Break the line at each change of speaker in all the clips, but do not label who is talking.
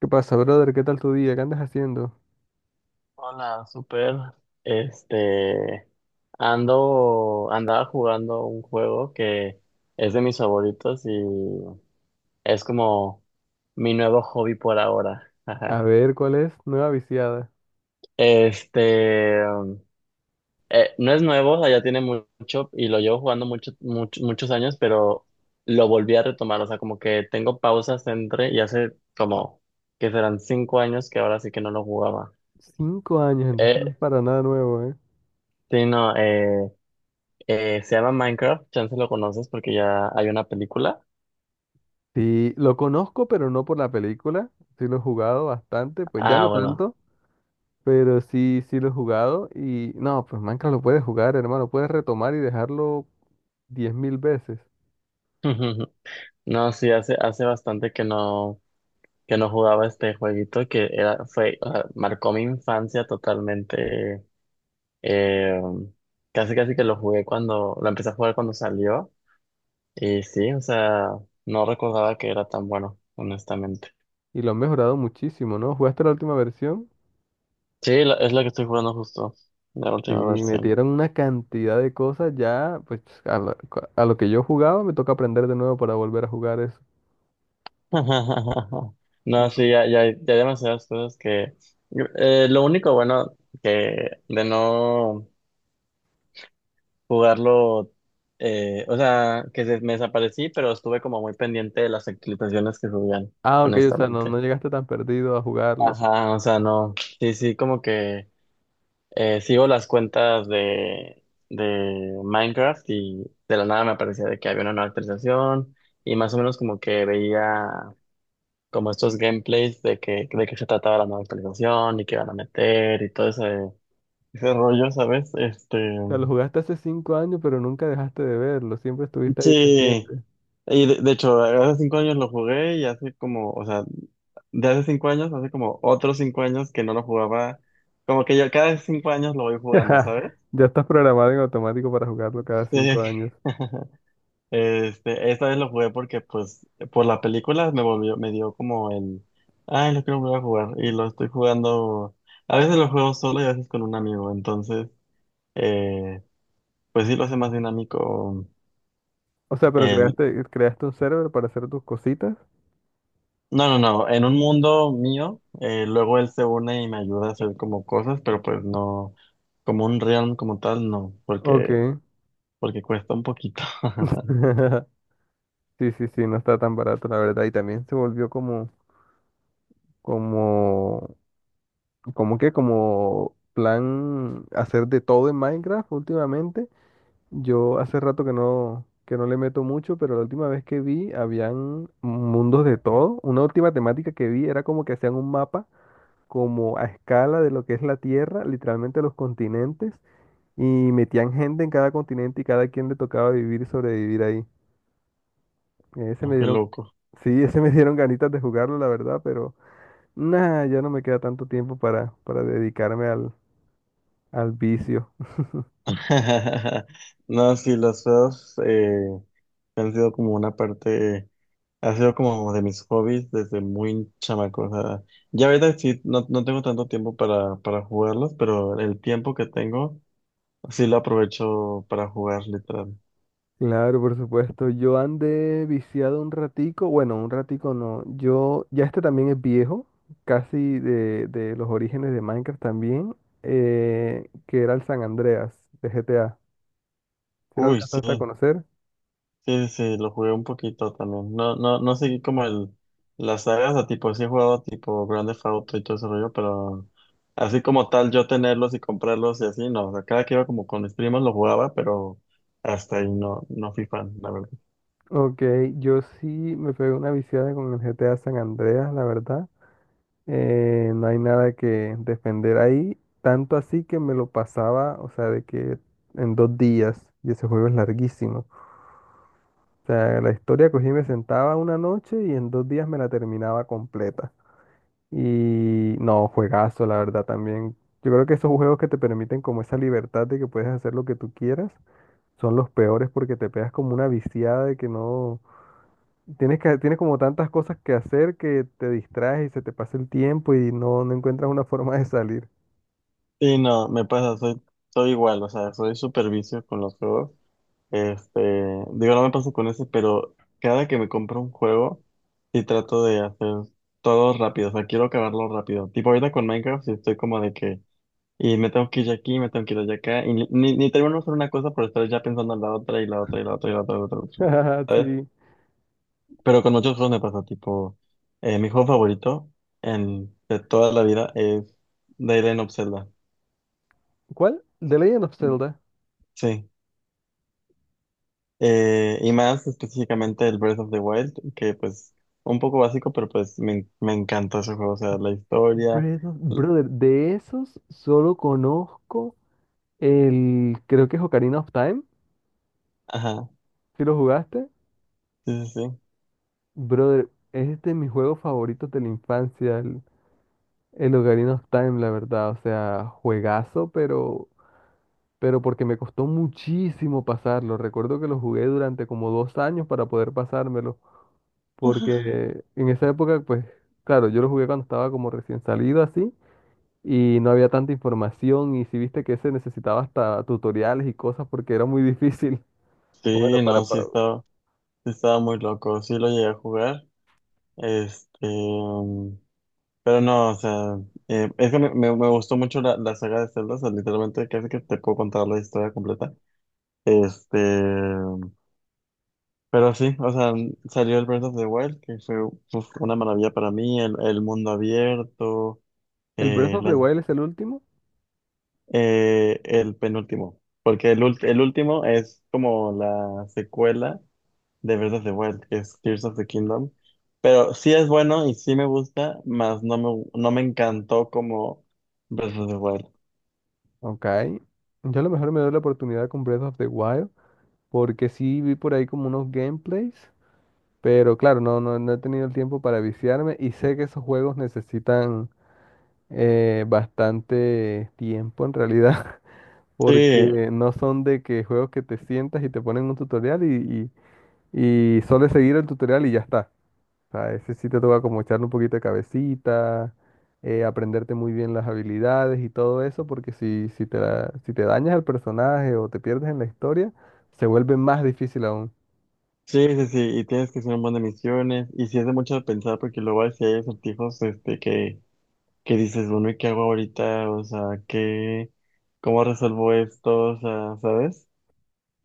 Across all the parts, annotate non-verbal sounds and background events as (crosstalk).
¿Qué pasa, brother? ¿Qué tal tu día? ¿Qué andas haciendo?
Hola, super. Este, andaba jugando un juego que es de mis favoritos y es como mi nuevo hobby por ahora.
A
Ajá.
ver, ¿cuál es? Nueva viciada.
Este, no es nuevo, o sea, ya tiene mucho y lo llevo jugando mucho, muchos años, pero lo volví a retomar. O sea, como que tengo pausas entre y hace como que serán 5 años que ahora sí que no lo jugaba.
5 años, entonces no
Eh,
es para nada nuevo, ¿eh?
sí, no, se llama Minecraft, chance lo conoces porque ya hay una película.
Sí, lo conozco, pero no por la película. Sí lo he jugado bastante, pues ya no
Ah, bueno.
tanto, pero sí, sí lo he jugado. Y no, pues Minecraft lo puedes jugar, hermano. Puedes retomar y dejarlo 10.000 veces.
(laughs) No, sí, hace bastante que no jugaba este jueguito que fue, o sea, marcó mi infancia totalmente. eh, casi casi que lo jugué lo empecé a jugar cuando salió. Y sí, o sea, no recordaba que era tan bueno, honestamente.
Y lo han mejorado muchísimo, ¿no? ¿Jugaste la última versión?
Sí, es lo que estoy jugando justo, la
Sí,
última versión.
metieron una cantidad de cosas ya, pues a lo que yo jugaba me toca aprender de nuevo para volver a jugar eso.
(laughs) No, sí, ya hay demasiadas cosas que... lo único bueno que de no jugarlo, o sea, que me desaparecí, pero estuve como muy pendiente de las actualizaciones que subían,
Ah, ok, o sea, no,
honestamente.
no llegaste tan perdido a jugarlo. O
Ajá, o sea, no, sí, como que sigo las cuentas de Minecraft y de la nada me aparecía de que había una nueva actualización y más o menos como que veía... como estos gameplays de de qué se trataba la nueva actualización y qué van a meter y todo ese rollo, ¿sabes? Este,
sea, lo jugaste hace 5 años, pero nunca dejaste de verlo. Siempre estuviste ahí
sí,
pendiente.
y de hecho, hace 5 años lo jugué y hace como, o sea, de hace 5 años, hace como otros 5 años que no lo jugaba, como que yo cada 5 años lo voy jugando, ¿sabes?
(laughs) Ya estás programado en automático para jugarlo cada
Sí.
5 años.
(laughs) Este, esta vez lo jugué porque, pues, por la película me dio como ay, lo quiero volver a jugar. Y lo estoy jugando, a veces lo juego solo y a veces con un amigo. Entonces, eh, pues sí lo hace más dinámico
O sea, pero
el,
creaste un server para hacer tus cositas.
no, no, en un mundo mío, luego él se une y me ayuda a hacer como cosas, pero pues no, como un realm como tal, no, porque,
Ok.
porque cuesta un poquito. (laughs)
(laughs) Sí, sí, sí, no está tan barato, la verdad. Y también se volvió como, como que, como plan hacer de todo en Minecraft últimamente. Yo hace rato que no le meto mucho, pero la última vez que vi habían mundos de todo. Una última temática que vi era como que hacían un mapa como a escala de lo que es la Tierra, literalmente los continentes, y metían gente en cada continente y cada quien le tocaba vivir y sobrevivir ahí. Ese
Oh,
me
qué
dieron,
loco.
(laughs) sí, ese me dieron ganitas de jugarlo, la verdad, pero nada, ya no me queda tanto tiempo para dedicarme al vicio.
(laughs) No, sí, los feos, han sido como una parte, ha sido como de mis hobbies desde muy chamaco. O sea, ya ahorita sí, no, no tengo tanto tiempo para jugarlos, pero el tiempo que tengo sí lo aprovecho para jugar, literal.
Claro, por supuesto. Yo andé viciado un ratico. Bueno, un ratico no. Yo, ya este también es viejo, casi de los orígenes de Minecraft también, que era el San Andreas de GTA. ¿Si lo
Uy,
alcanzaste a conocer?
sí, lo jugué un poquito también. No, no seguí como las sagas, o tipo, sí he jugado tipo Grand Theft Auto y todo ese rollo, pero así como tal, yo tenerlos y comprarlos y así, no. O sea, cada que iba como con mis primos lo jugaba, pero hasta ahí no, no fui fan, la verdad.
Ok, yo sí me pegué una viciada con el GTA San Andreas, la verdad. No hay nada que defender ahí. Tanto así que me lo pasaba, o sea, de que en 2 días, y ese juego es larguísimo. O sea, la historia cogí, y me sentaba una noche y en 2 días me la terminaba completa. Y no, juegazo, la verdad también. Yo creo que esos juegos que te permiten como esa libertad de que puedes hacer lo que tú quieras son los peores porque te pegas como una viciada de que no. Tienes como tantas cosas que hacer que te distraes y se te pasa el tiempo y no encuentras una (laughs) forma de salir.
Sí, no, soy igual, o sea, soy súper vicio con los juegos. Este, digo, no me pasa con ese, pero cada que me compro un juego, sí trato de hacer todo rápido, o sea, quiero acabarlo rápido. Tipo ahorita con Minecraft, sí estoy como de que, y me tengo que ir aquí, me tengo que ir allá acá, y ni, ni termino de hacer una cosa por estar ya pensando en la otra, y la otra, y la otra, y la otra, y la otra, y la otra,
(laughs)
¿sabes?
Sí.
Pero con muchos juegos me pasa, tipo, mi juego favorito de toda la vida es The Legend of Zelda.
¿Cuál? The Legend of Zelda.
Sí. Y más específicamente el Breath of the Wild, que pues un poco básico, pero pues me encantó ese juego, o sea, la historia. l-
Brother, de esos solo conozco el, creo que es Ocarina of Time,
Ajá,
¿si lo jugaste?
sí.
Brother, es de mis juegos favoritos de la infancia, el Ocarina of Time, la verdad. O sea, juegazo, pero porque me costó muchísimo pasarlo. Recuerdo que lo jugué durante como 2 años para poder pasármelo,
(laughs)
porque en esa época, pues, claro, yo lo jugué cuando estaba como recién salido así. Y no había tanta información y si viste que se necesitaba hasta tutoriales y cosas porque era muy (laughs) difícil. Bueno,
Sí, no, sí estaba muy loco, sí lo llegué a jugar, este, mm, pero no, o sea, es que me gustó mucho la saga de Zelda, o sea, literalmente casi que te puedo contar la historia completa, este, pero sí, o sea, salió el Breath of the Wild, que fue uf, una maravilla para mí, el mundo abierto,
el Breath
eh,
of
la-
the Wild es el último.
el penúltimo, porque el último es como la secuela de Breath of the Wild, que es Tears of the Kingdom, pero sí es bueno y sí me gusta, mas no no me encantó como Breath of the Wild.
Ok. Yo a lo mejor me doy la oportunidad con Breath of the Wild, porque sí vi por ahí como unos gameplays, pero claro, no he tenido el tiempo para viciarme y sé que esos juegos necesitan bastante tiempo en realidad, (laughs)
Sí,
porque no son de que juegos que te sientas y te ponen un tutorial y solo es seguir el tutorial y ya está. Sea, ese sí te toca como echarle un poquito de cabecita, aprenderte muy bien las habilidades y todo eso, porque si te dañas el personaje o te pierdes en la historia, se vuelve más difícil aún.
sí, y tienes que hacer un montón de misiones, y sí es de mucho de pensar, porque luego sí hay acertijos este, que dices, bueno, ¿y qué hago ahorita? O sea, ¿qué, cómo resuelvo esto? O sea, ¿sabes?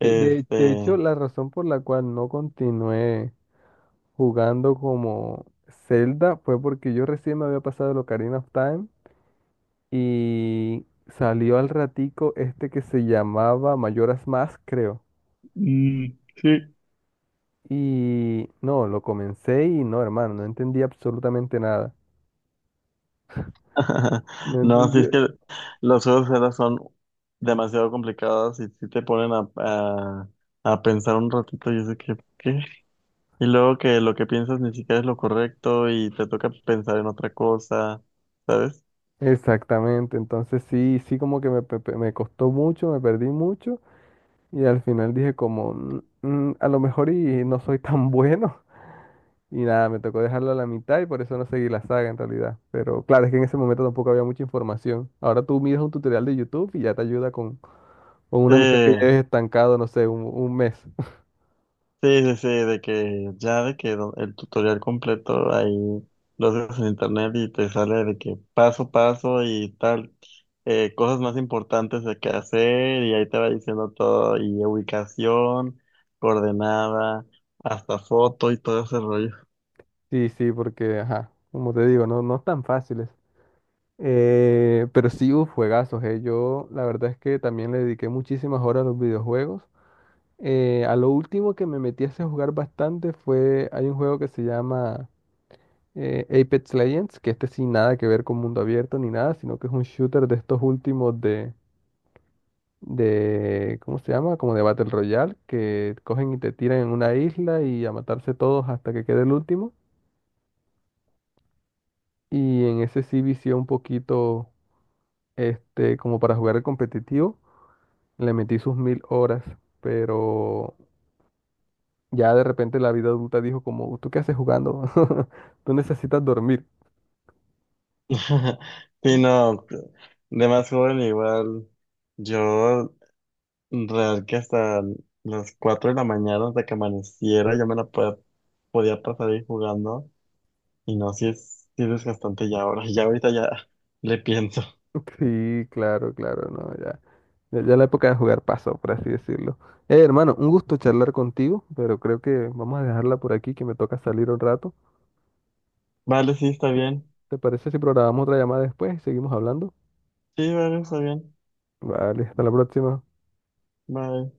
Sí, de hecho, la razón por la cual no continué jugando como Zelda fue porque yo recién me había pasado el Ocarina of Time y salió al ratico este que se llamaba Majora's Mask, creo.
mm, sí.
Y no, lo comencé y no, hermano, no entendí absolutamente nada.
(laughs)
No
No, sí
entendí.
es que los juegos de celda son demasiado complicados y sí te ponen a pensar un ratito y sé que, ¿qué? Y luego que lo que piensas ni siquiera es lo correcto y te toca pensar en otra cosa, ¿sabes?
Exactamente, entonces sí, sí como que me costó mucho, me perdí mucho y al final dije como, "Mm, mm, a lo mejor y no soy tan bueno". (laughs) Y nada, me tocó dejarlo a la mitad y por eso no seguí la saga en realidad. Pero claro, es que en ese momento tampoco había mucha información. Ahora tú miras un tutorial de YouTube y ya te ayuda con
Sí,
una misión que lleves estancado, no sé, un mes. (laughs)
Sí, de que ya de que el tutorial completo ahí lo haces en internet y te sale de que paso a paso y tal, cosas más importantes de qué hacer y ahí te va diciendo todo y ubicación, coordenada, hasta foto y todo ese rollo.
Sí, sí, porque, ajá, como te digo, no es tan fácil. Pero sí, uf, juegazos, eh. Yo la verdad es que también le dediqué muchísimas horas a los videojuegos. A lo último que me metí a ese jugar bastante fue, hay un juego que se llama Apex Legends, que este sin nada que ver con mundo abierto ni nada, sino que es un shooter de estos últimos de, ¿cómo se llama? Como de Battle Royale, que cogen y te tiran en una isla y a matarse todos hasta que quede el último. Y en ese sí vicié un poquito, este, como para jugar el competitivo. Le metí sus 1.000 horas, pero ya de repente la vida adulta dijo como, ¿tú qué haces jugando? (laughs) Tú necesitas dormir.
(laughs) Sí,
(laughs)
no, de más joven igual, yo real que hasta las 4 de la mañana hasta que amaneciera yo me la podía pasar ahí jugando. Y no, si es desgastante ya ahora. (laughs) Ya ahorita ya le pienso.
Sí, claro, claro, no, ya. Ya, ya la época de jugar pasó, por así decirlo. Hermano, un gusto charlar contigo, pero creo que vamos a dejarla por aquí, que me toca salir un rato.
Vale, sí, está
Sí.
bien.
¿Te parece si programamos otra llamada después y seguimos hablando?
Sí, vale, está bien.
Vale, hasta la próxima.
Bye.